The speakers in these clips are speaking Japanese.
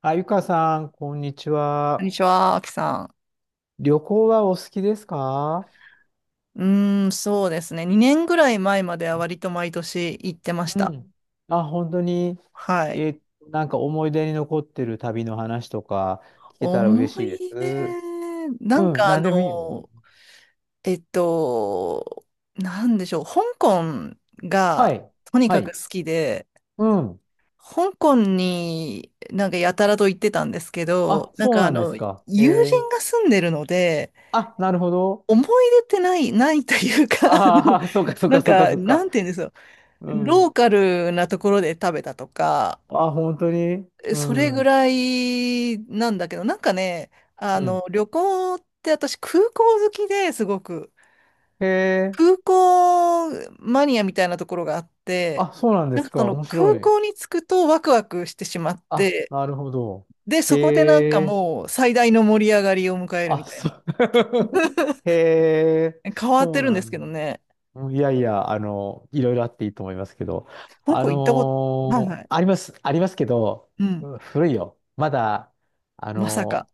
あ、ゆかさん、こんにちこんは。にちは、あきさ旅行はお好きですか？ん。うーん、そうですね。2年ぐらい前までは割と毎年行ってましうた。ん。あ、本当に、はい。えーなんか思い出に残ってる旅の話とか聞けたら嬉思しいでい出、す。なうんかん、あなんでもいいよ。の、えっと、なんでしょう。香港はがい。とにはかくい。好きで、うん。香港になんかやたらと行ってたんですけあ、ど、なんそうかあなんですの、か。友ー、人が住んでるので、あ、なるほど。思い出ってない、ないというか、あのああ、そうか、そうなか、んそうか、か、そうなか。んて言うんですよ。うロん。ーカルなところで食べたとか、あ、本当に、うそれぐん。らいなんだけど、なんかね、あうん。の、旅行って私空港好きですごく、へえ。空港マニアみたいなところがあって、あ、そうなんでなんすかそか。の面白空い。港に着くとワクワクしてしまっあ、て、なるほど。で、そこでなんかへえ。もう最大の盛り上がりを迎えるあ、みたいそな。う。へ え、変わっそてうるんなですけんどだ。ね。うん、いやいや、いろいろあっていいと思いますけど、香港行ったこと、はいはい。あります、ありますけど、うん。うん、古いよ。まだ、あまさのか。ー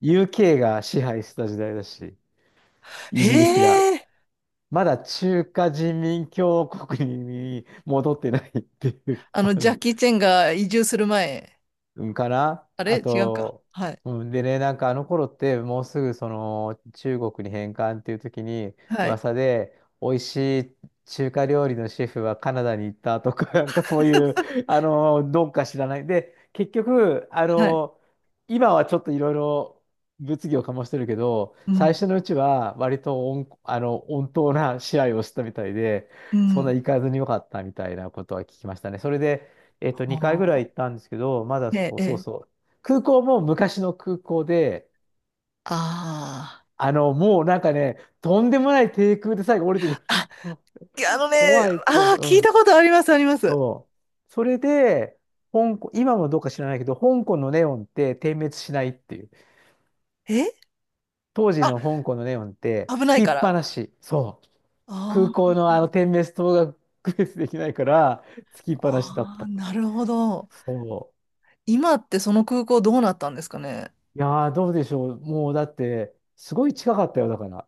UK が支配してた時代だし、イギリスが。へえ。まだ中華人民共和国に戻ってないっていう、あの、ジャッキー・チェンが移住する前。うんかな。あれあ違うか。と、はい。うん、でね、なんかあの頃ってもうすぐその中国に返還っていう時にはい。噂で美味しい中華料理のシェフはカナダに行ったとか、なんかそういう、どうか知らない。で、結局、はい。今はちょっといろいろ物議を醸してるけど、う最ん。初のうちは割と温、あの、温当な試合をしたみたいで、うそんなん。行かずによかったみたいなことは聞きましたね。それであ2回ぐらい行ったんですけど、まだーえそうえ、えそうえ。そう。空港も昔の空港で、あもうなんかね、とんでもない低空で最後降りてくる。あ。あ、うん、いやあのね、怖い、怖あい。あ、う聞いん。たことあります、あります。そう。それで、香港、今もどうか知らないけど、香港のネオンって点滅しないっていう。え当時あ、の香港のネオンって危つないきっから。ぱなし。そう。空あ港ーのあの点滅灯が区別できないから、つきっぱなしだっあた。ー、なるほど。そ今ってその空港どうなったんですかね。う。いやー、どうでしょう。もうだって、すごい近かったよ、だから。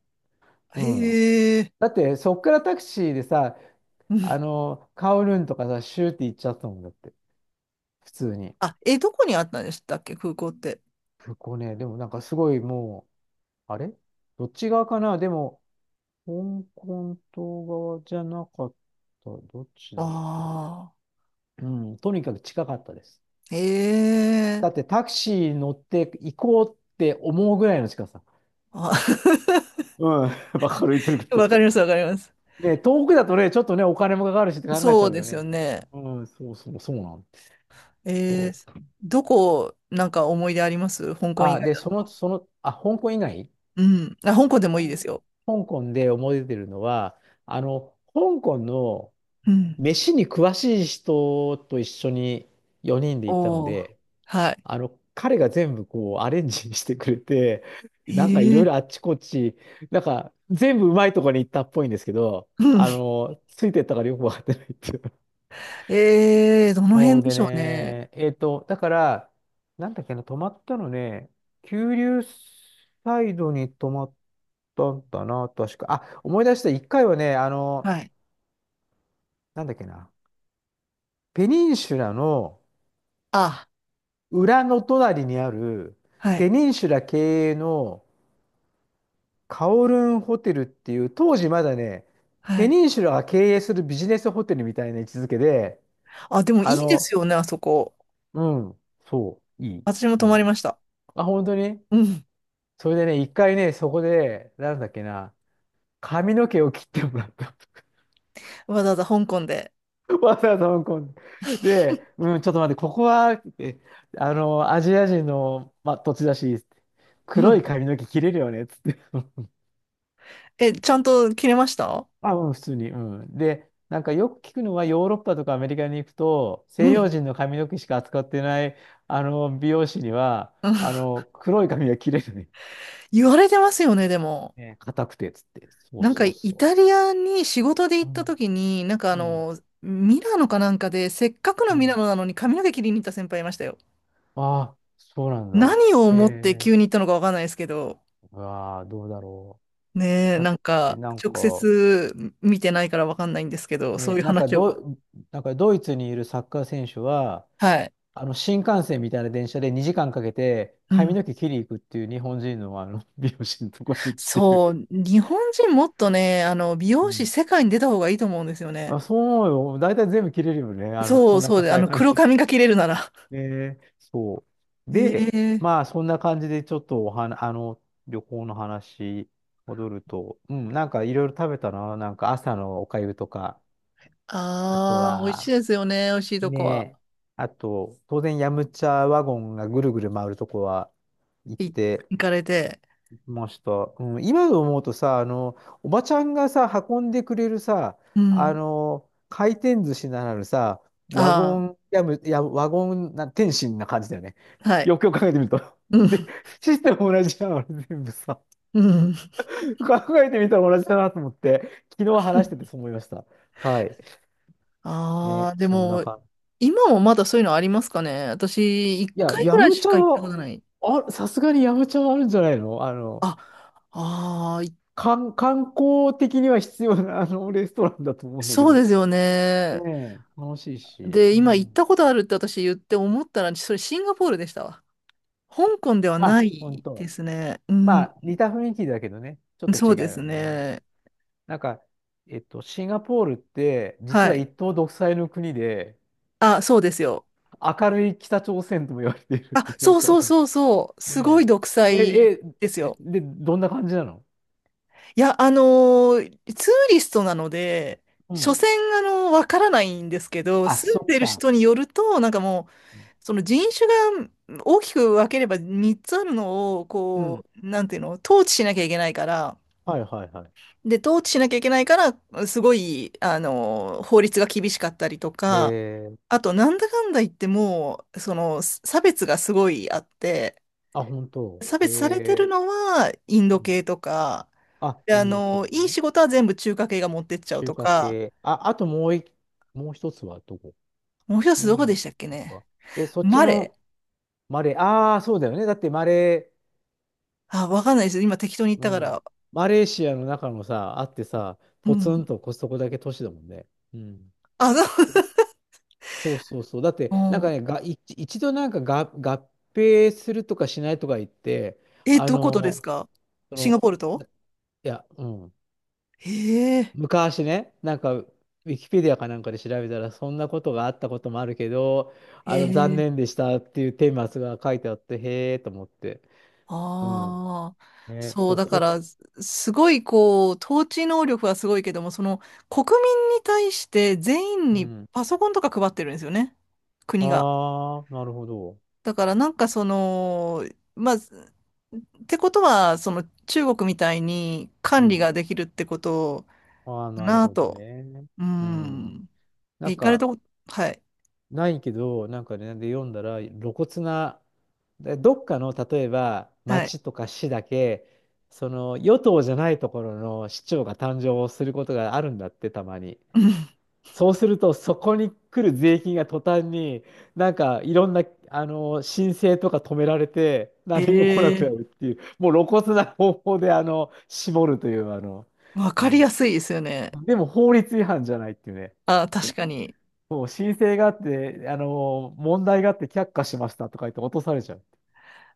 うん。へえ。だって、そっからタクシーでさ、うんカオルンとかさ、シューって行っちゃったもんだって。普通に。あ、え、どこにあったんでしたっけ、空港って。そこね、でもなんかすごい、もう、あれ、どっち側かな？でも、香港島側じゃなかった。どっちだっけ？ああ。うん、とにかく近かったです。へだってえ。タクシー乗って行こうって思うぐらいの近さ。あ うん、わかる、言ってるこわかと。ります、わかります。ね、遠くだとね、ちょっとね、お金もかかるしって考えちそゃううでよすよね。ね。うん、そうそう、そうなんです。えそー、う。どこ、なんか思い出あります香港以あ、外で、だその、と。その、あ、香港以外。うん。あ、香港でもいいおですよ。香港で思い出てるのは、香港のうん。飯に詳しい人と一緒に4人で行ったのおおで、はい。彼が全部こうアレンジしてくれて、へなんかいろえ。いろあっちこっち、なんか全部うまいところに行ったっぽいんですけど、うん。ついてったからよくわかってないっていう。えー、どのそ辺うででしょうね。ね、だから、なんだっけな、泊まったのね、九龍サイドに泊まっだったな、確か。あ、思い出した、一回はね、はい。なんだっけな、ペニンシュラのあ、裏の隣にある、はい。ペニンシュラ経営のカオルンホテルっていう、当時まだね、はペい。ニンシュラが経営するビジネスホテルみたいな位置づけで、あ、でもいあいですの、よね、あそこ。うん、そう、いい。私もう泊まりん。ました。あ、本当に。うん。それでね、一回ね、そこで、なんだっけな、髪の毛を切ってもらった。わざわざ香港で。わざわざ香港で。うん、ちょっと待って、ここは、ってアジア人の、まあ、土地だし、う黒いん。髪の毛切れるよね、つって。え、ちゃんと切れましたあ、うん、普通に。うん。で、なんかよく聞くのは、ヨーロッパとかアメリカに行くと、西う洋ん。人の髪の毛しか扱ってない、美容師には、うん黒い髪が切れるね。言われてますよね、でも。ね、硬くて、つって。そうなんかそうイそタリアに仕事で行う。うったん、時に、なんかあうん、の、ミラノかなんかで、せっかくのうミラん。ノなのに髪の毛切りに行った先輩いましたよ。ああ、そうなんだ。何をへ思ってえ。急に行ったのかわかんないですけど、うわあ、どうだろねう。え、だっなんて、かなん直か、接見てないからわかんないんですけど、そういね、う話を。なんかドイツにいるサッカー選手は、はい。新幹線みたいな電車で2時間かけてう髪ん。の毛切り行くっていう日本人の、美容師のとこに行くっていう。そう、日本人もっとね、あの、美う容師ん。世界に出た方がいいと思うんですよね。あ、そう思うよ。大体全部切れるよね。そこうんなそうで、あ硬いの、髪。黒髪が切れるなら。ね、そう。で、ええまあそんな感じでちょっとおはな、あの、旅行の話戻ると、うん、なんかいろいろ食べたな。なんか朝のおかゆとか、あとああー、美味しいは、ですよね、美味しいとねこは。え。あと、当然、ヤムチャワゴンがぐるぐる回るとこは行っいて行かれて。ました。うん、今思うとさ、おばちゃんがさ、運んでくれるさ、うん。回転寿司ならぬさ、あワゴンな、天津な感じだよね。あ、はい。よくよく考えてみると。うで、ん。システム同じじゃん、あれ全部さ。うん。考えてみたら同じだなと思って、昨日話しててそう思いました。はい。あね、あ、でそんなも、感じ。今もまだそういうのありますかね。私、一いや、回ヤぐらいムしチャか行ったことは、ない。あ、さすがにヤムチャはあるんじゃないの？あ、ああ、い観光的には必要な、レストランだと思うんだけそうど。ですよね。ねえ、楽しいし。で、う今行ったん。ことあるって私言って思ったら、それシンガポールでしたわ。香港ではなあ、本いで当。すね。うまん、あ、似た雰囲気だけどね、ちょっとそ違ううですよね。ね。なんか、シンガポールって、実ははい。一党独裁の国で、あ、そうですよ。明るい北朝鮮とも言われているっあ、てよそうくわそうかる。そうそう。すごいね独え裁え、ですよ。で、どんな感じなの？いや、ツーリストなので、う所ん。詮、わからないんですけど、あ、住んそっでるか。人によると、なんかもう、うん。その人種が大きく分ければ3つあるのを、うこん、う、なんていうの、統治しなきゃいけないから、はいはいはい。で、統治しなきゃいけないから、すごい、法律が厳しかったりとえか、ー、あと、なんだかんだ言ってもう、その、差別がすごいあって、あ、本当。差別されてるえのは、インー、うドん。系とか、あ、で、イあンド系の、いいね。仕事は全部中華系が持ってっちゃう中と華か、系。あ、あと、もう一つはどこ？もう一つイどこでンしたっけドね。か。え、そっちマレの？ーマレー、ああ、そうだよね。だってマレあ、わかんないです。今適当に言っー、たかうん。ら。マレーシアの中のさ、あってさ、うポツンん。とコストコだけ都市だもんね。うん。あ、そう。そそうそうそう。だっ て、うなんかんね、一度なんかが合併するとかしないとか言って、え、あどことですの、かそシンガポの、ールといや、うん。へえ、昔ね、なんか、ウィキペディアかなんかで調べたら、そんなことがあったこともあるけど、へ残え。念でしたっていう顛末が書いてあって、へえと思って。うん。ああ。ね、そう、そだかこ、ら、すすごい、こう、統治能力はすごいけども、その、国民に対して全員うにん。パソコンとか配ってるんですよね。国が。ああ、なるほど。だから、なんかその、まあ、ってことは、その中国みたいにう管理ん。ができるってことああ、かなるなほどと。ね。ううん。ん。なえん行かれか、たこと、はい。ないけど、なんかね、で読んだら、露骨な、でどっかの、例えば、はい。町とか市だけ、その、与党じゃないところの市長が誕生することがあるんだって、たまに。うんそうすると、そこに来る税金が途端に、なんかいろんな、申請とか止められて、何も来なくなえるっえていう、もう露骨な方法で、絞るという、わうかりん。やすいですよね。でも法律違反じゃないっていうね。あ、確かに。だって、問題があって却下しましたとか言って落とされちゃう。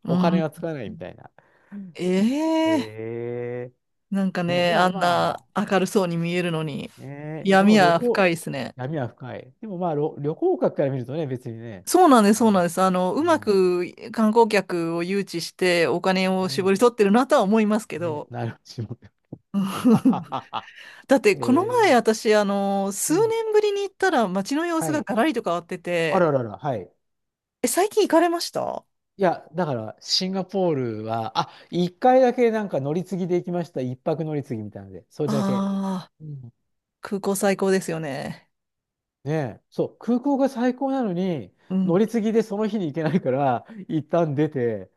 うお金ん。がつかないみたいな。えええなんかーね、ね、であもんなま明るそうに見えるのに、あ、ね、でも闇旅は深行、いですね。闇は深い。でもまあ、旅行客から見るとね、別にね、そうなんです、あそうなんの、です。あの、ううまん、く観光客を誘致してお金を絞ねり取ってるなとは思いますけね、ど。なるしも。だってえこの前ー、私、あの、う数ん。年ぶりに行ったら街の様子はがい。ガラリと変わってあて、ららら、はい。え、最近行かれましたあいや、だから、シンガポールは、あ、一回だけなんか乗り継ぎで行きました。一泊乗り継ぎみたいなので、それだけ。あうん、ー、空港最高ですよね。ねえ、そう、空港が最高なのに、う乗ん。り継ぎでその日に行けないから、一旦出て、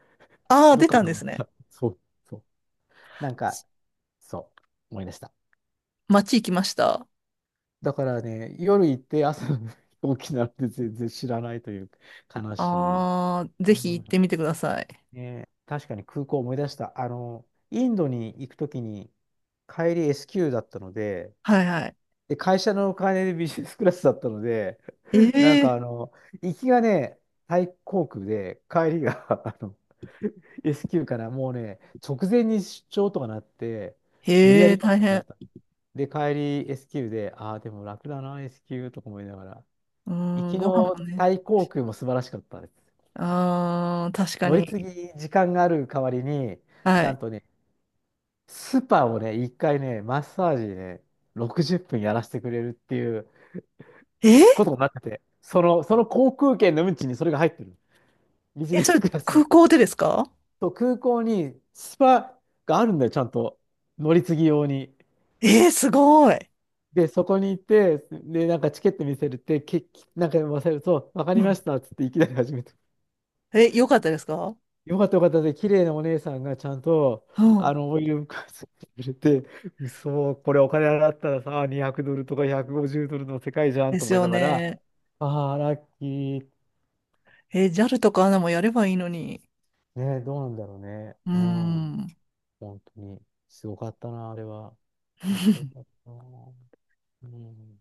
ああ、どっ出かたん泊でまっすね。た。そう、そう。なんか、そう、思い出した。街行きました。だからね、夜行って朝の飛行機なんて全然知らないという悲しい。ああ、ぜうひ行ってん、みてください。ね、確かに空港を思い出した。インドに行くときに、帰り S q だったので、はいはい。で、会社のお金でビジネスクラスだったので、なんかええ行きがね、タイ航空で、帰りが S q からもうね、直前に出張とかなって、無理やへえ、り取っ大てもらっ変。た。で、帰り S q で、ああ、でも楽だな、S q とか思いながら。うー行ん、きご飯のもね。タイ航空も素晴らしかったです。ああ、確か乗りに。継ぎ時間がある代わりに、はない。んとね、スパをね、一回ね、マッサージね、60分やらせてくれるっていうえことーになってて、その航空券の運賃にそれが入ってる。ビジえ、ネそれスクラスの。空港でですかそう、空港にスパがあるんだよ、ちゃんと。乗り継ぎ用に。えー、すごい。で、そこに行って、で、なんかチケット見せるって、なんか忘れると、わかうりまん。したっつっていきなり始めて、え、良かったですかよかった、よかった、で、綺麗なお姉さんがちゃんと、うん。オイル浮かせてくれて、嘘、これお金払ったらさ、200ドルとか150ドルの世界じゃんでとす思いよながら、ね。ああ、ラッキー。えー、JA とか ANA もやればいいのに。ね、どうなんだろうね。うーうん。ん。本当に。すごかったな、あれは。気持ちよか ったな。うん。